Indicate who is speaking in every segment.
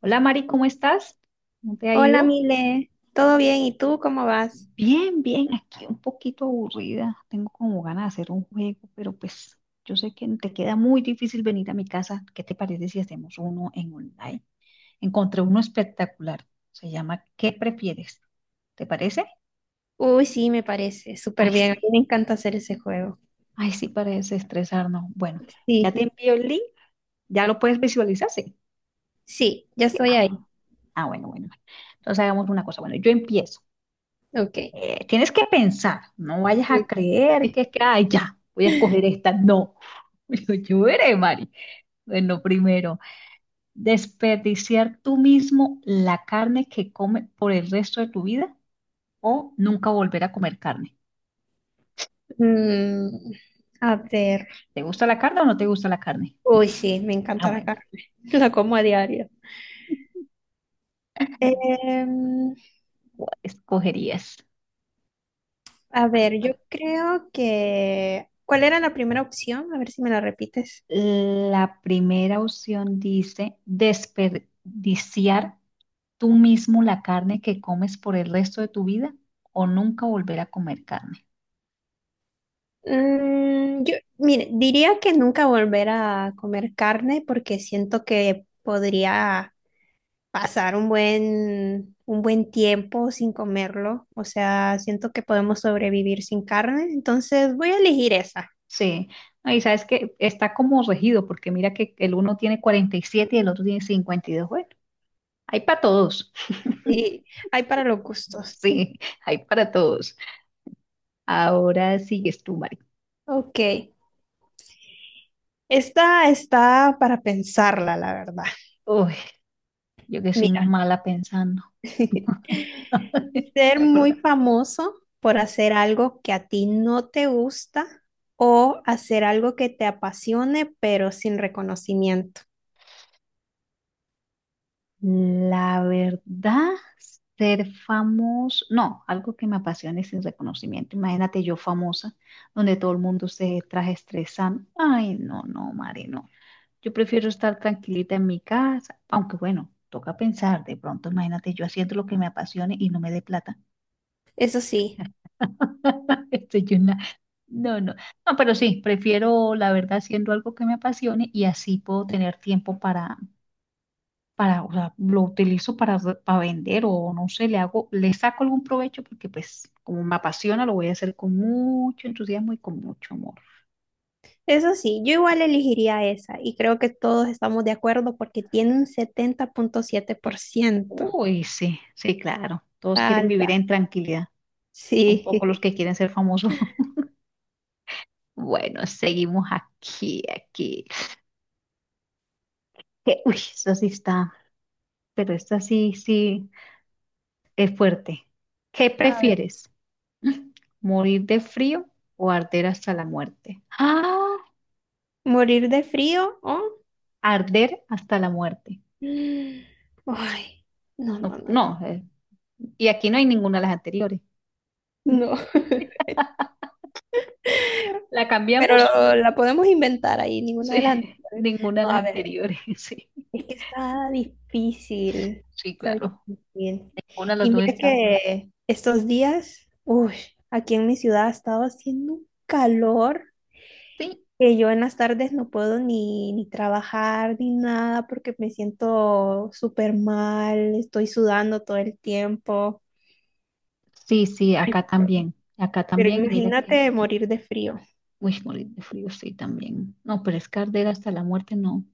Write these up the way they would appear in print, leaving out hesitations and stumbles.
Speaker 1: Hola Mari, ¿cómo estás? ¿Cómo te ha
Speaker 2: Hola,
Speaker 1: ido?
Speaker 2: Mile. ¿Todo bien? ¿Y tú cómo vas?
Speaker 1: Bien, bien, aquí un poquito aburrida. Tengo como ganas de hacer un juego, pero pues yo sé que te queda muy difícil venir a mi casa. ¿Qué te parece si hacemos uno en online? Encontré uno espectacular. Se llama ¿Qué prefieres? ¿Te parece?
Speaker 2: Uy, sí, me parece. Súper
Speaker 1: Ay,
Speaker 2: bien. A mí
Speaker 1: sí.
Speaker 2: me encanta hacer ese juego.
Speaker 1: Ay, sí, para desestresarnos. Bueno, ya te
Speaker 2: Sí,
Speaker 1: envío el link. ¿Ya lo puedes visualizar? Sí.
Speaker 2: sí, ya
Speaker 1: Sí.
Speaker 2: estoy
Speaker 1: Ah, bueno,
Speaker 2: ahí.
Speaker 1: ah, bueno, bueno, bueno. Entonces hagamos una cosa. Bueno, yo empiezo.
Speaker 2: Ok.
Speaker 1: Tienes que pensar, no vayas a
Speaker 2: ok.
Speaker 1: creer que es que, ay, ya, voy a escoger esta. No, yo veré, Mari. Bueno, primero, desperdiciar tú mismo la carne que comes por el resto de tu vida o nunca volver a comer carne.
Speaker 2: Mm, a ver.
Speaker 1: ¿Te gusta la carne o no te gusta la carne?
Speaker 2: Uy, sí, me
Speaker 1: Ah,
Speaker 2: encanta la
Speaker 1: bueno,
Speaker 2: carne. La como a diario. Em,
Speaker 1: ¿cuál escogerías?
Speaker 2: a
Speaker 1: ¿Cuál,
Speaker 2: ver, yo
Speaker 1: cuál?
Speaker 2: creo que... ¿Cuál era la primera opción? A ver si me la repites.
Speaker 1: La primera opción dice desperdiciar tú mismo la carne que comes por el resto de tu vida o nunca volver a comer carne.
Speaker 2: Yo, mire, diría que nunca volver a comer carne porque siento que podría pasar un buen tiempo sin comerlo. O sea, siento que podemos sobrevivir sin carne, entonces voy a elegir esa.
Speaker 1: Sí. No, y sabes que está como regido, porque mira que el uno tiene 47 y el otro tiene 52. Bueno, hay para todos.
Speaker 2: Y hay para los gustos.
Speaker 1: Sí, hay para todos. Ahora sigues tú, Mari.
Speaker 2: Ok, esta está para pensarla, la verdad.
Speaker 1: Uy, yo que soy
Speaker 2: Mira,
Speaker 1: más mala pensando.
Speaker 2: ser muy famoso por hacer algo que a ti no te gusta o hacer algo que te apasione pero sin reconocimiento.
Speaker 1: La verdad, ser famoso, no, algo que me apasione sin reconocimiento. Imagínate yo famosa, donde todo el mundo se traje estresando. Ay, no, no, Mari, no. Yo prefiero estar tranquilita en mi casa, aunque bueno, toca pensar, de pronto imagínate yo haciendo lo que me apasione y no me dé plata.
Speaker 2: Eso sí.
Speaker 1: Estoy una- No, no, no, pero sí, prefiero la verdad haciendo algo que me apasione y así puedo tener tiempo para, o sea, lo utilizo para vender o no sé, le hago, le saco algún provecho porque pues como me apasiona lo voy a hacer con mucho entusiasmo y con mucho amor.
Speaker 2: Eso sí, yo igual elegiría esa y creo que todos estamos de acuerdo porque tiene un 70,7%.
Speaker 1: Uy, sí, sí, claro, todos
Speaker 2: Está
Speaker 1: quieren vivir
Speaker 2: alta.
Speaker 1: en tranquilidad, son pocos los
Speaker 2: Sí.
Speaker 1: que quieren ser famosos. Bueno, seguimos aquí, aquí. Uy, eso sí está, pero esta sí, sí es fuerte. ¿Qué
Speaker 2: A ver,
Speaker 1: prefieres? Mm, ¿Morir de frío o arder hasta la muerte? Ah,
Speaker 2: morir de frío o...
Speaker 1: arder hasta la muerte.
Speaker 2: Mm. Ay, no, no,
Speaker 1: No,
Speaker 2: no, no.
Speaker 1: no, y aquí no hay ninguna de las anteriores.
Speaker 2: No.
Speaker 1: ¿La cambiamos?
Speaker 2: Pero la podemos inventar ahí, ninguna de las
Speaker 1: Sí,
Speaker 2: anteriores.
Speaker 1: ninguna de
Speaker 2: No,
Speaker 1: las
Speaker 2: a ver,
Speaker 1: anteriores, sí.
Speaker 2: es que está difícil.
Speaker 1: Sí,
Speaker 2: Está
Speaker 1: claro.
Speaker 2: difícil.
Speaker 1: Una de
Speaker 2: Y
Speaker 1: las dos
Speaker 2: mira
Speaker 1: está.
Speaker 2: que estos días, uy, aquí en mi ciudad ha estado haciendo un calor
Speaker 1: Sí,
Speaker 2: que yo en las tardes no puedo ni trabajar ni nada porque me siento súper mal, estoy sudando todo el tiempo.
Speaker 1: sí, sí,
Speaker 2: Ay,
Speaker 1: acá también. Acá
Speaker 2: pero
Speaker 1: también, y mira que.
Speaker 2: imagínate morir de frío.
Speaker 1: Uy, morir de frío, sí, también. No, pero es que arder hasta la muerte, no.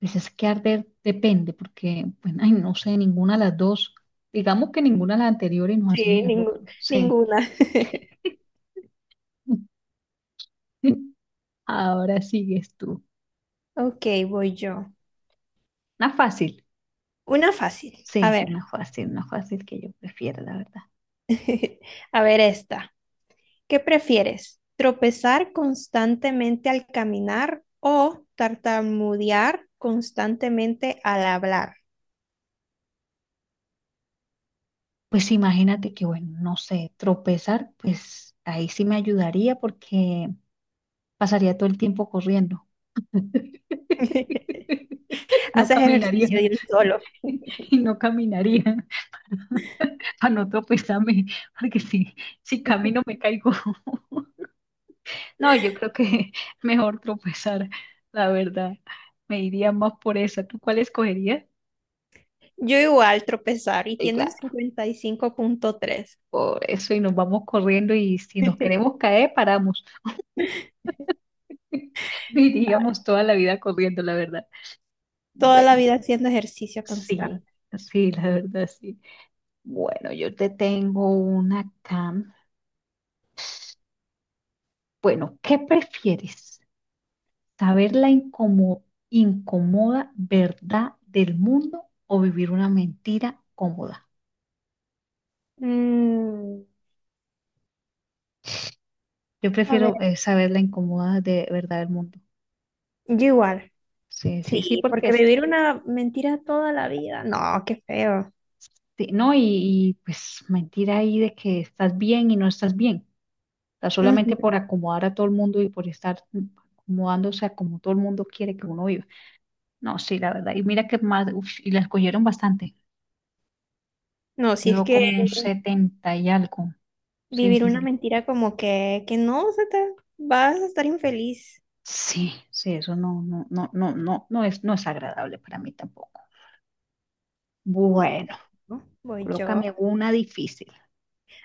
Speaker 1: Pues es que arder depende, porque, bueno, ay, no sé, ninguna de las dos. Digamos que ninguna de las anteriores nos hacemos
Speaker 2: Sí,
Speaker 1: la loca, no sé.
Speaker 2: ninguna.
Speaker 1: Ahora sigues tú.
Speaker 2: Ok, voy yo.
Speaker 1: Una fácil,
Speaker 2: Una fácil. A
Speaker 1: sí,
Speaker 2: ver,
Speaker 1: una fácil que yo prefiero, la verdad.
Speaker 2: a ver esta. ¿Qué prefieres? ¿Tropezar constantemente al caminar o tartamudear constantemente al hablar?
Speaker 1: Pues imagínate que, bueno, no sé, tropezar, pues ahí sí me ayudaría porque pasaría todo el tiempo corriendo. No
Speaker 2: Haces
Speaker 1: caminaría,
Speaker 2: ejercicio de un solo.
Speaker 1: y no caminaría para no tropezarme, porque si camino me caigo. No, yo creo que mejor tropezar, la verdad. Me iría más por esa. ¿Tú cuál escogerías?
Speaker 2: Yo igual tropezar y
Speaker 1: Sí,
Speaker 2: tiene un
Speaker 1: claro,
Speaker 2: 55,3.
Speaker 1: por eso y nos vamos corriendo y si nos queremos caer, paramos. Iríamos toda la vida corriendo, la verdad.
Speaker 2: Toda
Speaker 1: Bueno,
Speaker 2: la vida haciendo ejercicio
Speaker 1: sí,
Speaker 2: constante.
Speaker 1: sí, la verdad, sí. Bueno, yo te tengo una acá. Bueno, ¿qué prefieres? ¿Saber la incomoda verdad del mundo o vivir una mentira cómoda?
Speaker 2: Mm,
Speaker 1: Yo
Speaker 2: a ver,
Speaker 1: prefiero saber la incómoda de verdad del mundo.
Speaker 2: yo igual.
Speaker 1: Sí,
Speaker 2: Sí,
Speaker 1: sí, sí, porque
Speaker 2: porque
Speaker 1: es que,
Speaker 2: vivir una mentira toda la vida, no, qué feo.
Speaker 1: sí, ¿no? Y, pues mentira ahí de que estás bien y no estás bien. O sea, solamente
Speaker 2: Ujú.
Speaker 1: por acomodar a todo el mundo y por estar acomodándose a como todo el mundo quiere que uno viva. No, sí, la verdad. Y mira que más, uf, y la escogieron bastante.
Speaker 2: No, si es
Speaker 1: Quedó
Speaker 2: que
Speaker 1: como un 70 y algo. Sí,
Speaker 2: vivir
Speaker 1: sí,
Speaker 2: una
Speaker 1: sí.
Speaker 2: mentira como que no, se te, vas a estar infeliz.
Speaker 1: Sí, sí, eso no, no, no, no, no, no es, no es agradable para mí tampoco. Bueno,
Speaker 2: ¿No? Voy yo.
Speaker 1: colócame una difícil.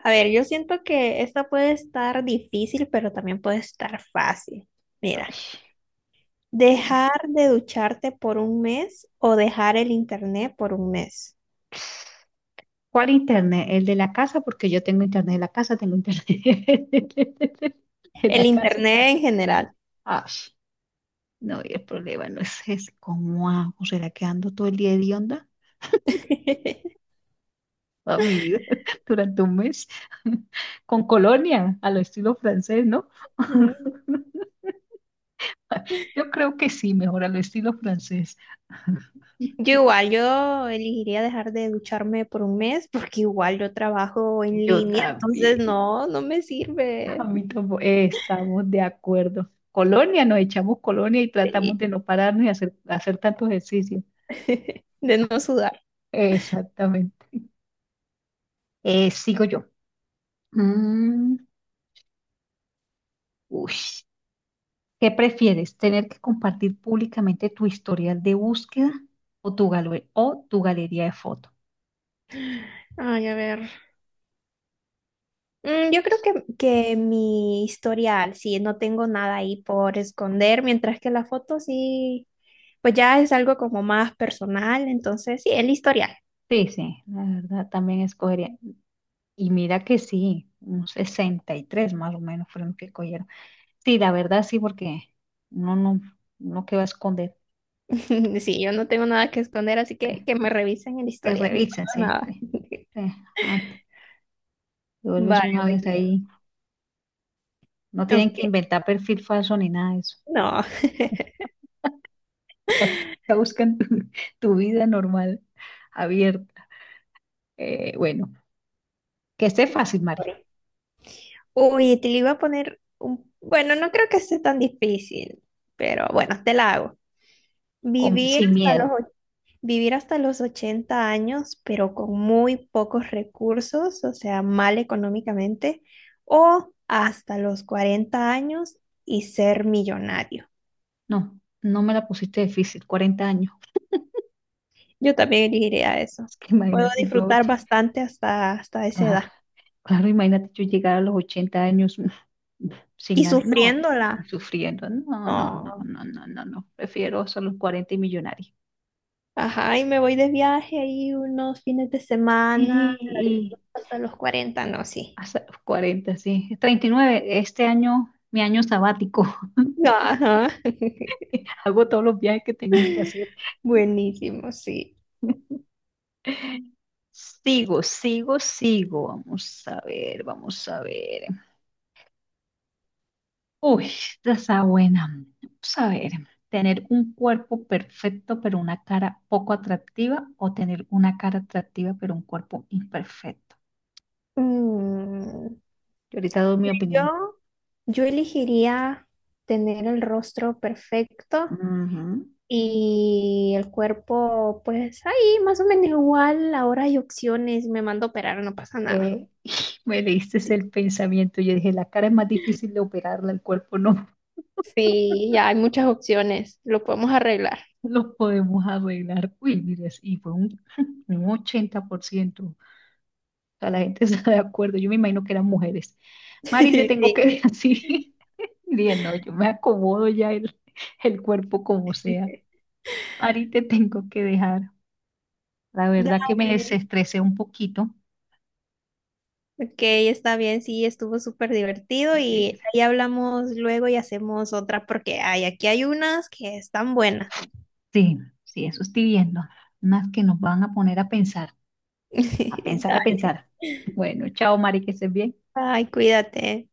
Speaker 2: A ver, yo siento que esta puede estar difícil, pero también puede estar fácil.
Speaker 1: Ay,
Speaker 2: Mira,
Speaker 1: dime.
Speaker 2: dejar de ducharte por un mes o dejar el internet por un mes.
Speaker 1: ¿Cuál internet? ¿El de la casa? Porque yo tengo internet de la casa, tengo internet de
Speaker 2: El
Speaker 1: la casa.
Speaker 2: internet en general.
Speaker 1: Ay, no, y el problema no es ese. ¿Cómo hago? ¿Será que ando todo el día de onda? Toda mi vida durante un mes con colonia a lo estilo francés, ¿no?
Speaker 2: Mm.
Speaker 1: Yo creo que sí, mejor a lo estilo francés.
Speaker 2: Yo igual, yo elegiría dejar de ducharme por un mes porque igual yo trabajo en
Speaker 1: Yo
Speaker 2: línea,
Speaker 1: también.
Speaker 2: entonces no, no me sirve.
Speaker 1: Estamos de acuerdo. Colonia, nos echamos colonia y tratamos
Speaker 2: Sí.
Speaker 1: de no pararnos y hacer, hacer tanto ejercicio.
Speaker 2: De no sudar.
Speaker 1: Exactamente. Sigo yo. Mm, Uy. ¿Qué prefieres? ¿Tener que compartir públicamente tu historial de búsqueda o o tu galería de fotos?
Speaker 2: Ay, a ver. Yo creo que mi historial, sí, no tengo nada ahí por esconder, mientras que la foto sí, pues ya es algo como más personal, entonces sí, el historial.
Speaker 1: Sí, sí, la verdad también escogería. Y mira que sí, un 63 más o menos fueron los que cogieron. Sí, la verdad sí, porque uno no, uno que va a esconder,
Speaker 2: Sí, yo no tengo nada que esconder, así
Speaker 1: te,
Speaker 2: que me revisen el
Speaker 1: te
Speaker 2: historial, no
Speaker 1: revisan,
Speaker 2: pasa
Speaker 1: sí,
Speaker 2: nada.
Speaker 1: sí, sí, antes, te vuelves
Speaker 2: Vale,
Speaker 1: una vez ahí. No
Speaker 2: ok,
Speaker 1: tienen que
Speaker 2: ok,
Speaker 1: inventar perfil falso ni nada de eso.
Speaker 2: no.
Speaker 1: Te buscan tu vida normal, abierta. Bueno, que esté fácil, Mari,
Speaker 2: Uy, te lo iba a poner un... Bueno, no creo que esté tan difícil, pero bueno, te la hago. Vivir
Speaker 1: sin
Speaker 2: hasta los,
Speaker 1: miedo.
Speaker 2: och- vivir hasta los 80 años, pero con muy pocos recursos, o sea, mal económicamente, o hasta los 40 años y ser millonario.
Speaker 1: No, no me la pusiste difícil, 40 años.
Speaker 2: Yo también elegiría eso.
Speaker 1: Es que
Speaker 2: Puedo
Speaker 1: imagínate yo.
Speaker 2: disfrutar bastante hasta esa edad.
Speaker 1: Ah, claro, imagínate yo llegar a los 80 años
Speaker 2: Y
Speaker 1: sin, ha- no, y
Speaker 2: sufriéndola.
Speaker 1: sufriendo. No, no, no,
Speaker 2: No.
Speaker 1: no, no, no, no. Prefiero solo los 40 y millonarios.
Speaker 2: Ajá, y me voy de viaje ahí unos fines de semana,
Speaker 1: Sí,
Speaker 2: la
Speaker 1: y
Speaker 2: disfruto hasta los cuarenta no, sí.
Speaker 1: hasta los 40 sí. 39 este año, mi año sabático.
Speaker 2: Ajá.
Speaker 1: Hago todos los viajes que tengo que hacer.
Speaker 2: Buenísimo, sí.
Speaker 1: Sigo, sigo, sigo. Vamos a ver, vamos a ver. Uy, esta está buena. Vamos a ver, tener un cuerpo perfecto pero una cara poco atractiva o tener una cara atractiva pero un cuerpo imperfecto.
Speaker 2: Mm.
Speaker 1: Yo ahorita doy mi opinión.
Speaker 2: Yo, yo elegiría tener el rostro perfecto
Speaker 1: Ujú.
Speaker 2: y el cuerpo, pues ahí más o menos igual. Ahora hay opciones, me mando a operar, no pasa nada.
Speaker 1: Eh, Me leíste el pensamiento. Yo dije, la cara es más difícil de operarla, el cuerpo no
Speaker 2: Sí, ya hay muchas opciones, lo podemos arreglar.
Speaker 1: lo podemos arreglar. Uy, mira, y fue un, un 80%. Sea, la gente está de acuerdo. Yo me imagino que eran mujeres. Mari, te tengo que
Speaker 2: Sí.
Speaker 1: ver así. Y dije, no, yo me acomodo ya el cuerpo como sea. Mari, te tengo que dejar. La verdad que me
Speaker 2: Dale.
Speaker 1: desestresé un poquito.
Speaker 2: Ok, está bien, sí, estuvo súper divertido
Speaker 1: Sí,
Speaker 2: y ahí hablamos luego y hacemos otra porque hay, aquí hay unas que están buenas.
Speaker 1: sí, sí, eso estoy viendo. Más que nos van a poner a pensar, a pensar, a
Speaker 2: Dale.
Speaker 1: pensar. Bueno, chao, Mari, que estés bien.
Speaker 2: Ay, cuídate.